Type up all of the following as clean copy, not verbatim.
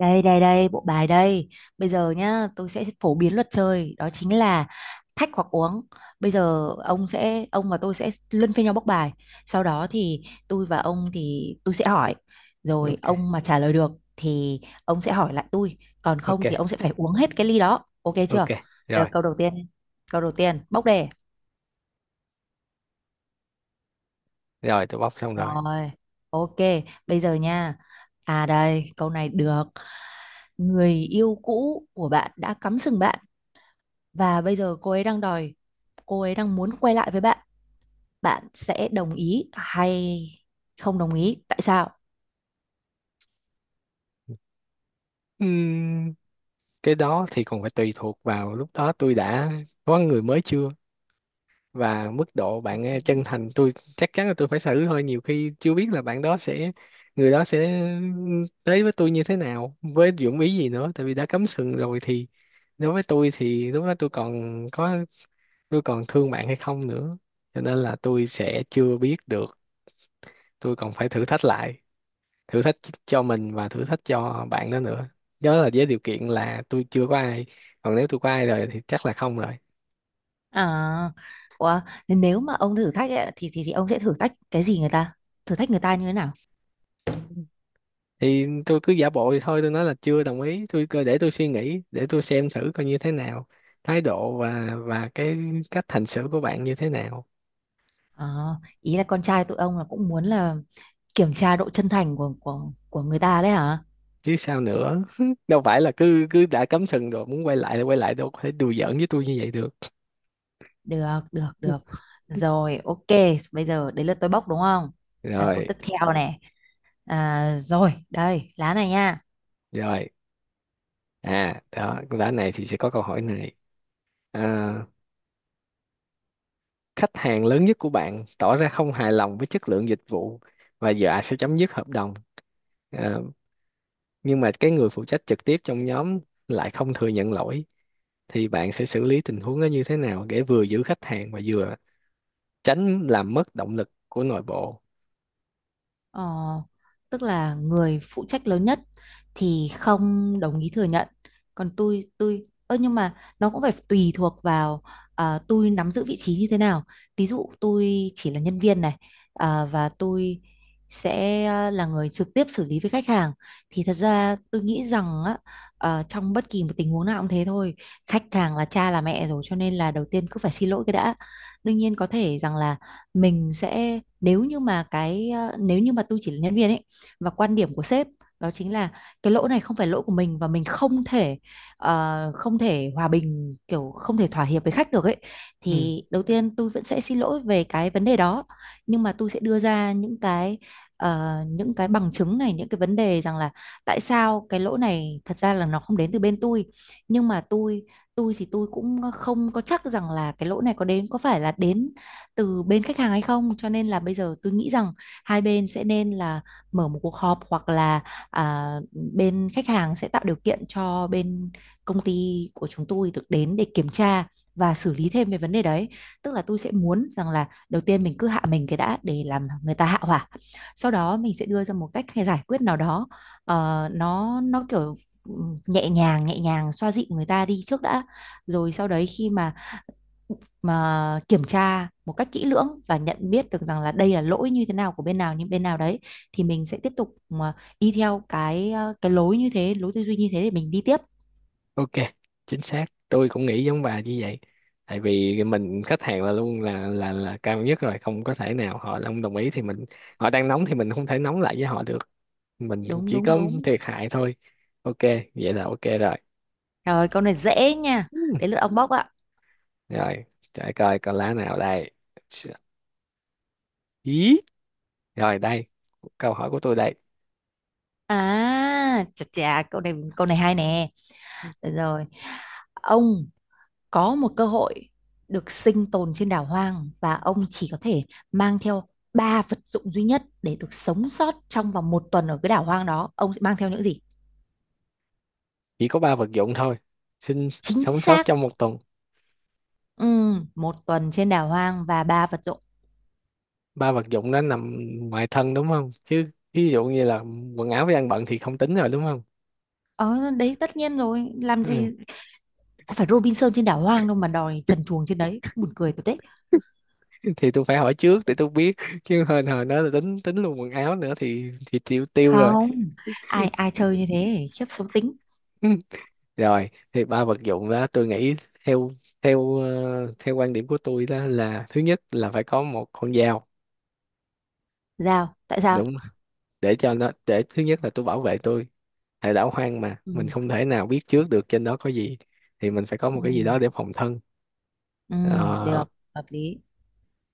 Đây đây đây, bộ bài đây. Bây giờ nhá, tôi sẽ phổ biến luật chơi, đó chính là thách hoặc uống. Bây giờ ông và tôi sẽ luân phiên nhau bốc bài. Sau đó thì tôi và ông thì tôi sẽ hỏi. Rồi Ok ông mà trả lời được thì ông sẽ hỏi lại tôi, còn ok không thì ông sẽ phải uống hết cái ly đó. Ok ok chưa? Bây giờ rồi câu đầu tiên. Câu đầu tiên, bốc đề. rồi tôi bóc xong rồi. Rồi, ok, bây giờ nha. À đây, câu này được. Người yêu cũ của bạn đã cắm sừng bạn và bây giờ cô ấy đang muốn quay lại với bạn, bạn sẽ đồng ý hay không đồng ý, tại sao? Ừm, cái đó thì còn phải tùy thuộc vào lúc đó tôi đã có người mới chưa, và mức độ bạn ấy chân thành. Tôi chắc chắn là tôi phải xử thôi, nhiều khi chưa biết là bạn đó sẽ người đó sẽ tới với tôi như thế nào, với dụng ý gì nữa. Tại vì đã cắm sừng rồi thì đối với tôi thì lúc đó tôi còn có tôi còn thương bạn hay không nữa, cho nên là tôi sẽ chưa biết được. Tôi còn phải thử thách cho mình và thử thách cho bạn đó nữa. Nhớ là với điều kiện là tôi chưa có ai, còn nếu tôi có ai rồi thì chắc là không rồi. À ủa, nếu mà ông thử thách ấy, thì ông sẽ thử thách cái gì người ta, thử thách người ta như thế nào? Thì tôi cứ giả bộ thì thôi tôi nói là chưa đồng ý, tôi cứ để tôi suy nghĩ để tôi xem thử coi như thế nào, thái độ và cái cách hành xử của bạn như thế nào. À, ý là con trai tụi ông là cũng muốn là kiểm tra độ chân thành của người ta đấy hả? Chứ sao nữa? Đâu phải là cứ cứ đã cắm sừng rồi muốn quay lại thì quay lại, đâu có thể đùa giỡn với tôi như vậy được. Được được được, rồi ok, bây giờ đến lượt tôi bốc đúng không, sang câu Rồi. tiếp theo này. À, rồi đây lá này nha. Rồi, à đó đã này thì sẽ có câu hỏi này. à, Khách hàng lớn nhất của bạn tỏ ra không hài lòng với chất lượng dịch vụ và dọa sẽ chấm dứt hợp đồng, Ờ, nhưng mà cái người phụ trách trực tiếp trong nhóm lại không thừa nhận lỗi, thì bạn sẽ xử lý tình huống đó như thế nào để vừa giữ khách hàng và vừa tránh làm mất động lực của nội bộ? Ờ, Tức là người phụ trách lớn nhất thì không đồng ý thừa nhận, còn tôi ơ nhưng mà nó cũng phải tùy thuộc vào à, tôi nắm giữ vị trí như thế nào. Ví dụ tôi chỉ là nhân viên này, à, và tôi sẽ à, là người trực tiếp xử lý với khách hàng thì thật ra tôi nghĩ rằng á, trong bất kỳ một tình huống nào cũng thế thôi, khách hàng là cha là mẹ rồi cho nên là đầu tiên cứ phải xin lỗi cái đã. Đương nhiên có thể rằng là mình sẽ nếu như mà cái nếu như mà tôi chỉ là nhân viên ấy và quan điểm của sếp đó chính là cái lỗi này không phải lỗi của mình và mình không thể không thể hòa bình kiểu không thể thỏa hiệp với khách được ấy, Ừ, thì đầu tiên tôi vẫn sẽ xin lỗi về cái vấn đề đó, nhưng mà tôi sẽ đưa ra những cái bằng chứng này, những cái vấn đề rằng là tại sao cái lỗi này thật ra là nó không đến từ bên tôi, nhưng mà tôi thì tôi cũng không có chắc rằng là cái lỗi này có đến có phải là đến từ bên khách hàng hay không, cho nên là bây giờ tôi nghĩ rằng hai bên sẽ nên là mở một cuộc họp hoặc là à, bên khách hàng sẽ tạo điều kiện cho bên công ty của chúng tôi được đến để kiểm tra và xử lý thêm về vấn đề đấy. Tức là tôi sẽ muốn rằng là đầu tiên mình cứ hạ mình cái đã để làm người ta hạ hỏa, sau đó mình sẽ đưa ra một cách hay giải quyết nào đó, nó kiểu ừ, nhẹ nhàng xoa dịu người ta đi trước đã, rồi sau đấy khi mà kiểm tra một cách kỹ lưỡng và nhận biết được rằng là đây là lỗi như thế nào của bên nào, những bên nào đấy thì mình sẽ tiếp tục mà đi theo cái lối tư duy như thế để mình đi tiếp. ok, chính xác, tôi cũng nghĩ giống bà như vậy. Tại vì mình khách hàng là luôn là là cao nhất rồi, không có thể nào họ không đồng ý thì mình, họ đang nóng thì mình không thể nóng lại với họ được, mình Đúng chỉ đúng có đúng, thiệt hại thôi. OK, vậy là ok rồi. rồi câu này dễ nha, Ừ. đến lượt ông bóc ạ. Rồi, để coi con lá nào đây. Ý, rồi đây, câu hỏi của tôi đây. À chà chà, câu này hay nè. Được rồi, ông có một cơ hội được sinh tồn trên đảo hoang và ông chỉ có thể mang theo ba vật dụng duy nhất để được sống sót trong vòng một tuần ở cái đảo hoang đó, ông sẽ mang theo những gì? Chỉ có ba vật dụng thôi? Xin. Chính Sống sót xác. trong một tuần. Một tuần trên đảo hoang và ba vật dụng. Ba vật dụng đó nằm ngoài thân đúng không? Chứ ví dụ như là quần áo với ăn bận thì không tính rồi đúng không? Ờ đấy tất nhiên rồi, làm Ừ. gì có phải Robinson trên đảo hoang đâu mà đòi trần truồng trên đấy, buồn cười thật đấy. Thì tôi phải hỏi trước để tôi biết, chứ hồi hồi đó là tính tính luôn quần áo nữa thì tiêu tiêu rồi. Không, ai ai chơi như thế, khiếp xấu tính. Ừ, rồi thì ba vật dụng đó tôi nghĩ, theo theo ờ, theo quan điểm của tôi đó là, thứ nhất là phải có một con dao, Tại đúng sao? không? Để cho nó, để thứ nhất là tôi bảo vệ tôi, tại đảo hoang mà Ừ mình không thể nào biết trước được trên đó có gì, thì mình phải có ừ một cái gì đó để phòng thân. ừ, Ờ, được, hợp lý.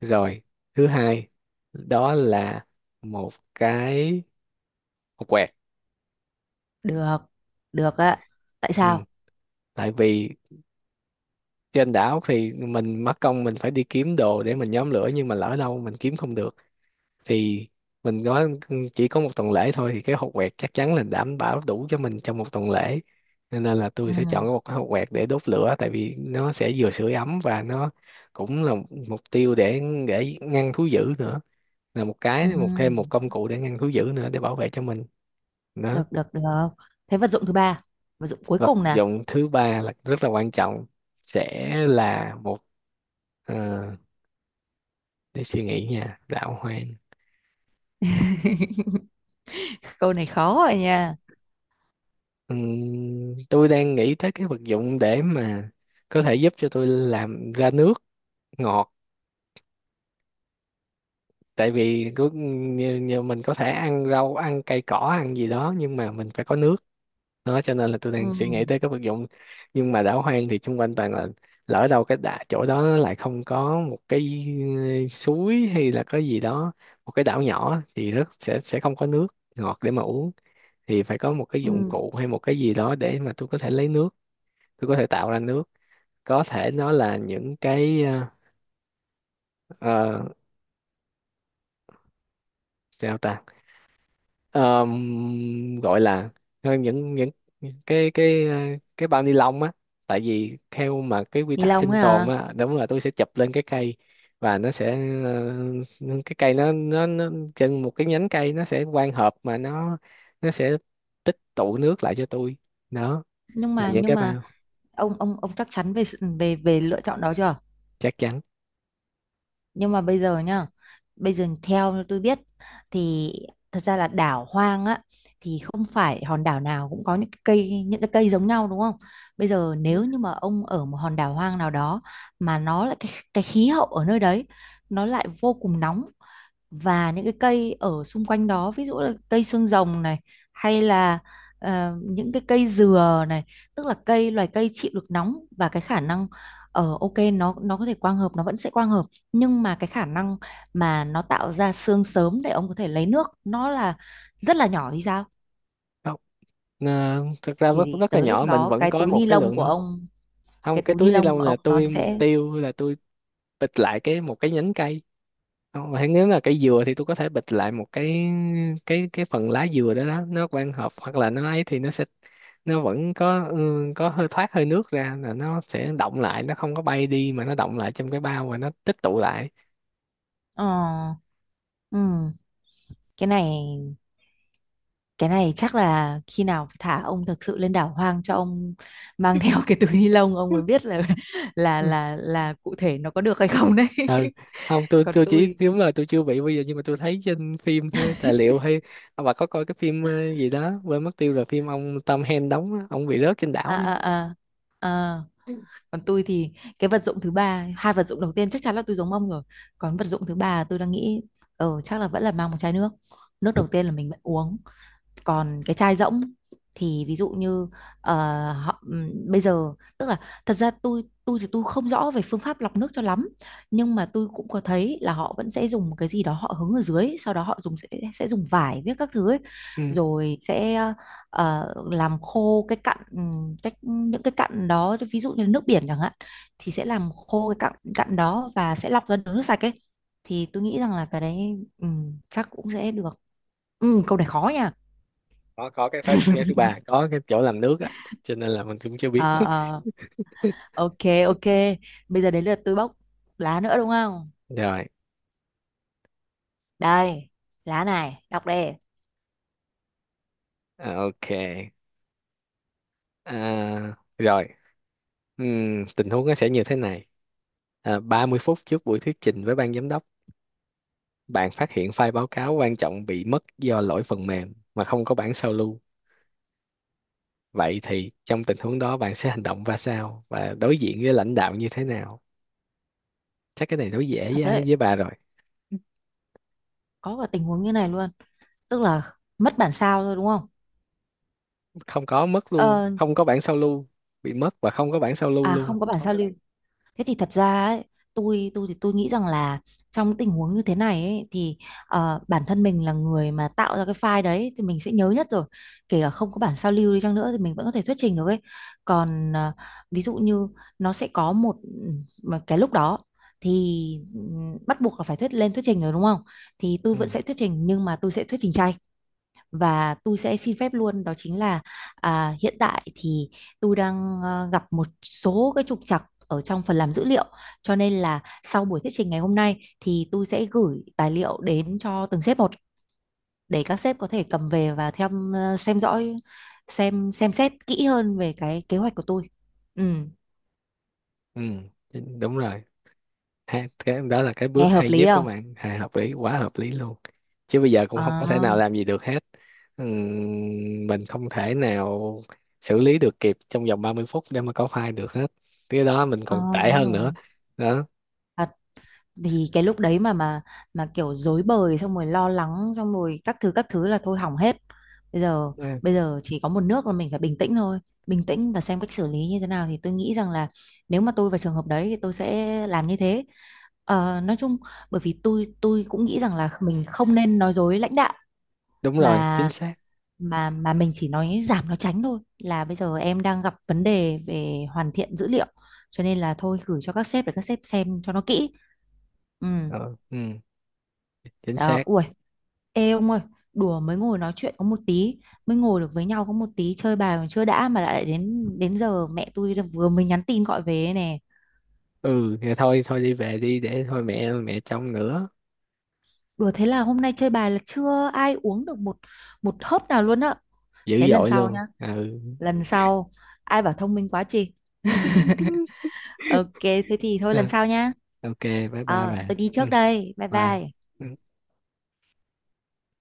rồi thứ hai đó là một cái, một quẹt. Được được ạ, tại Ừ. sao? Tại vì trên đảo thì mình mất công mình phải đi kiếm đồ để mình nhóm lửa, nhưng mà lỡ đâu mình kiếm không được, thì mình nói chỉ có một tuần lễ thôi thì cái hột quẹt chắc chắn là đảm bảo đủ cho mình trong một tuần lễ. Nên là tôi sẽ Ừ chọn một cái hột quẹt để đốt lửa, tại vì nó sẽ vừa sưởi ấm và nó cũng là mục tiêu để ngăn thú dữ nữa, là một ừ, cái, một thêm một công cụ để ngăn thú dữ nữa để bảo vệ cho mình. Đó. được được được, thế vật dụng thứ ba, vật dụng cuối Vật cùng nè. dụng thứ ba là rất là quan trọng, sẽ là một, ờ, để suy nghĩ nha, đạo hoang. Câu này khó rồi nha. Tôi đang nghĩ tới cái vật dụng để mà có thể giúp cho tôi làm ra nước ngọt, tại vì cứ như, như mình có thể ăn rau ăn cây cỏ ăn gì đó, nhưng mà mình phải có nước. Đó, cho nên là tôi Ừ đang suy nghĩ tới cái vật dụng. Nhưng mà đảo hoang thì xung quanh toàn là, lỡ đâu cái đà, chỗ đó nó lại không có một cái, suối hay là cái gì đó. Một cái đảo nhỏ thì rất sẽ không có nước ngọt để mà uống. Thì phải có một cái dụng ừ, cụ hay một cái gì đó để mà tôi có thể lấy nước, tôi có thể tạo ra nước. Có thể nó là những cái, ờ, sao ta. Gọi là, ờ, những cái ờ, cái bao ni lông á. Tại vì theo mà cái quy ni tắc lông sinh ấy tồn à? á, đúng là tôi sẽ chụp lên cái cây và nó sẽ, ờ, cái cây nó trên một cái nhánh cây, nó sẽ quang hợp mà nó sẽ tích tụ nước lại cho tôi. Đó, là những Nhưng cái mà bao. Ông chắc chắn về về về lựa chọn đó chưa? Chắc chắn. Nhưng mà bây giờ nhá, bây giờ theo như tôi biết thì thật ra là đảo hoang á, thì không phải hòn đảo nào cũng có những cái cây giống nhau đúng không? Bây giờ nếu như mà ông ở một hòn đảo hoang nào đó mà nó lại cái khí hậu ở nơi đấy nó lại vô cùng nóng, và những cái cây ở xung quanh đó ví dụ là cây xương rồng này, hay là những cái cây dừa này, tức là loài cây chịu được nóng, và cái khả năng ở ok nó có thể quang hợp, nó vẫn sẽ quang hợp, nhưng mà cái khả năng mà nó tạo ra xương sớm để ông có thể lấy nước nó là rất là nhỏ thì sao? Không, ờ, thực ra rất Thì rất là tới lúc nhỏ mình đó vẫn cái có túi một ni cái lông lượng của nước. ông, cái Không, cái túi ni túi ni lông lông của là ông nó tôi, mục sẽ tiêu là tôi bịch lại cái một cái nhánh cây. Không, mà nếu là cây dừa thì tôi có thể bịch lại một cái, cái phần lá dừa đó, đó nó quang hợp hoặc là nó ấy thì nó sẽ, nó vẫn có ừ, có hơi thoát hơi nước ra là nó sẽ động lại, nó không có bay đi mà nó động lại trong cái bao và nó tích tụ lại. ờ, ừ, cái này. Cái này chắc là khi nào phải thả ông thực sự lên đảo hoang cho ông mang theo cái túi ni lông ông mới biết là Ừ. Là cụ thể nó có được hay không đấy. Ừ. Không tôi Còn chỉ tôi, đúng là tôi chưa bị bây giờ, nhưng mà tôi thấy trên phim thôi, tài liệu hay. À, bà có coi cái phim gì đó quên mất tiêu rồi, phim ông Tom Hanks đóng á, ông bị rớt trên đảo à đó. à à à, còn tôi thì cái vật dụng thứ ba, hai vật dụng đầu tiên chắc chắn là tôi giống ông rồi. Còn vật dụng thứ ba tôi đang nghĩ chắc là vẫn là mang một chai nước. Nước đầu tiên là mình vẫn uống, còn cái chai rỗng thì ví dụ như ờ, bây giờ tức là thật ra tôi thì tôi không rõ về phương pháp lọc nước cho lắm, nhưng mà tôi cũng có thấy là họ vẫn sẽ dùng một cái gì đó họ hứng ở dưới, sau đó họ dùng sẽ dùng vải với các thứ ấy, Ừ. rồi sẽ làm khô cái cặn những cái cặn đó ví dụ như nước biển chẳng hạn, thì sẽ làm khô cái cặn cặn đó và sẽ lọc ra được nước sạch ấy, thì tôi nghĩ rằng là cái đấy chắc cũng sẽ được. Câu này khó nha. Có cái phá, cái thứ ba có cái chỗ làm nước á, cho nên là mình cũng chưa biết. Ờ, ờ. Ok, ok, bây giờ đến lượt tôi bóc lá nữa đúng không, Rồi. đây lá này đọc đi. À, ok. À, rồi. Tình huống nó sẽ như thế này: 30 phút trước buổi thuyết trình với ban giám đốc, bạn phát hiện file báo cáo quan trọng bị mất do lỗi phần mềm mà không có bản sao lưu, vậy thì trong tình huống đó bạn sẽ hành động ra sao và đối diện với lãnh đạo như thế nào? Chắc cái này đối dễ Thật đấy, với bà rồi. có cả tình huống như này luôn, tức là mất bản sao thôi đúng không? Không có mất luôn ờ, không có bản sao lưu. Bị mất và không có bản sao lưu À luôn. không có bản sao lưu. Thế thì thật ra ấy, tôi thì tôi nghĩ rằng là trong những tình huống như thế này ấy, thì bản thân mình là người mà tạo ra cái file đấy thì mình sẽ nhớ nhất rồi. Kể cả không có bản sao lưu đi chăng nữa thì mình vẫn có thể thuyết trình được ấy. Còn ví dụ như nó sẽ có một một cái lúc đó thì ừ, bắt buộc là phải thuyết trình rồi đúng không? Thì tôi vẫn sẽ thuyết trình, nhưng mà tôi sẽ thuyết trình chay và tôi sẽ xin phép luôn, đó chính là à, hiện tại thì tôi đang gặp một số cái trục trặc ở trong phần làm dữ liệu, cho nên là sau buổi thuyết trình ngày hôm nay thì tôi sẽ gửi tài liệu đến cho từng sếp một để các sếp có thể cầm về và theo dõi, xem xét kỹ hơn về cái kế hoạch của tôi. ừ, Ừ, chính- đúng rồi. Ha, cái đó là cái Nghe bước hợp hay lý nhất của không? bạn, à, hợp lý quá, hợp lý luôn. Chứ bây giờ cũng không có thể à, nào làm gì được hết. Ừm, mình không thể nào xử lý được kịp trong vòng 30 phút để mà có file được hết, cái đó mình còn à tệ đúng hơn nữa. rồi. Đó. À, thì cái lúc đấy mà kiểu rối bời xong rồi lo lắng xong rồi các thứ là thôi hỏng hết. bây giờ Ừ, Bây giờ chỉ có một nước là mình phải bình tĩnh thôi, bình tĩnh và xem cách xử lý như thế nào, thì tôi nghĩ rằng là nếu mà tôi vào trường hợp đấy thì tôi sẽ làm như thế. Ờ, nói chung bởi vì tôi cũng nghĩ rằng là mình không nên nói dối lãnh đạo, đúng rồi, chính mà xác. Mình chỉ nói giảm nói tránh thôi, là bây giờ em đang gặp vấn đề về hoàn thiện dữ liệu, cho nên là thôi gửi cho các sếp để các sếp xem cho nó kỹ. Ừ Ờ, ừ, chính đó, xác. ui, ê ông ơi, đùa mới ngồi nói chuyện có một tí, mới ngồi được với nhau có một tí, chơi bài còn chưa đã mà lại đến đến giờ mẹ tôi đã vừa mới nhắn tin gọi về ấy nè. Ừ thì thôi thôi đi về đi, để thôi mẹ mẹ trông nữa. Đùa thế là hôm nay chơi bài là chưa ai uống được một một hớp nào luôn á. Dữ Thế lần dội sau luôn. nhá, Ừ. lần sau ai bảo thông minh quá chị. Ok, thế thì thôi lần Rồi, sau nhá. ok, bye bye bà. Tôi đi Ừ, trước đây. Bye bye. bye. Ừ.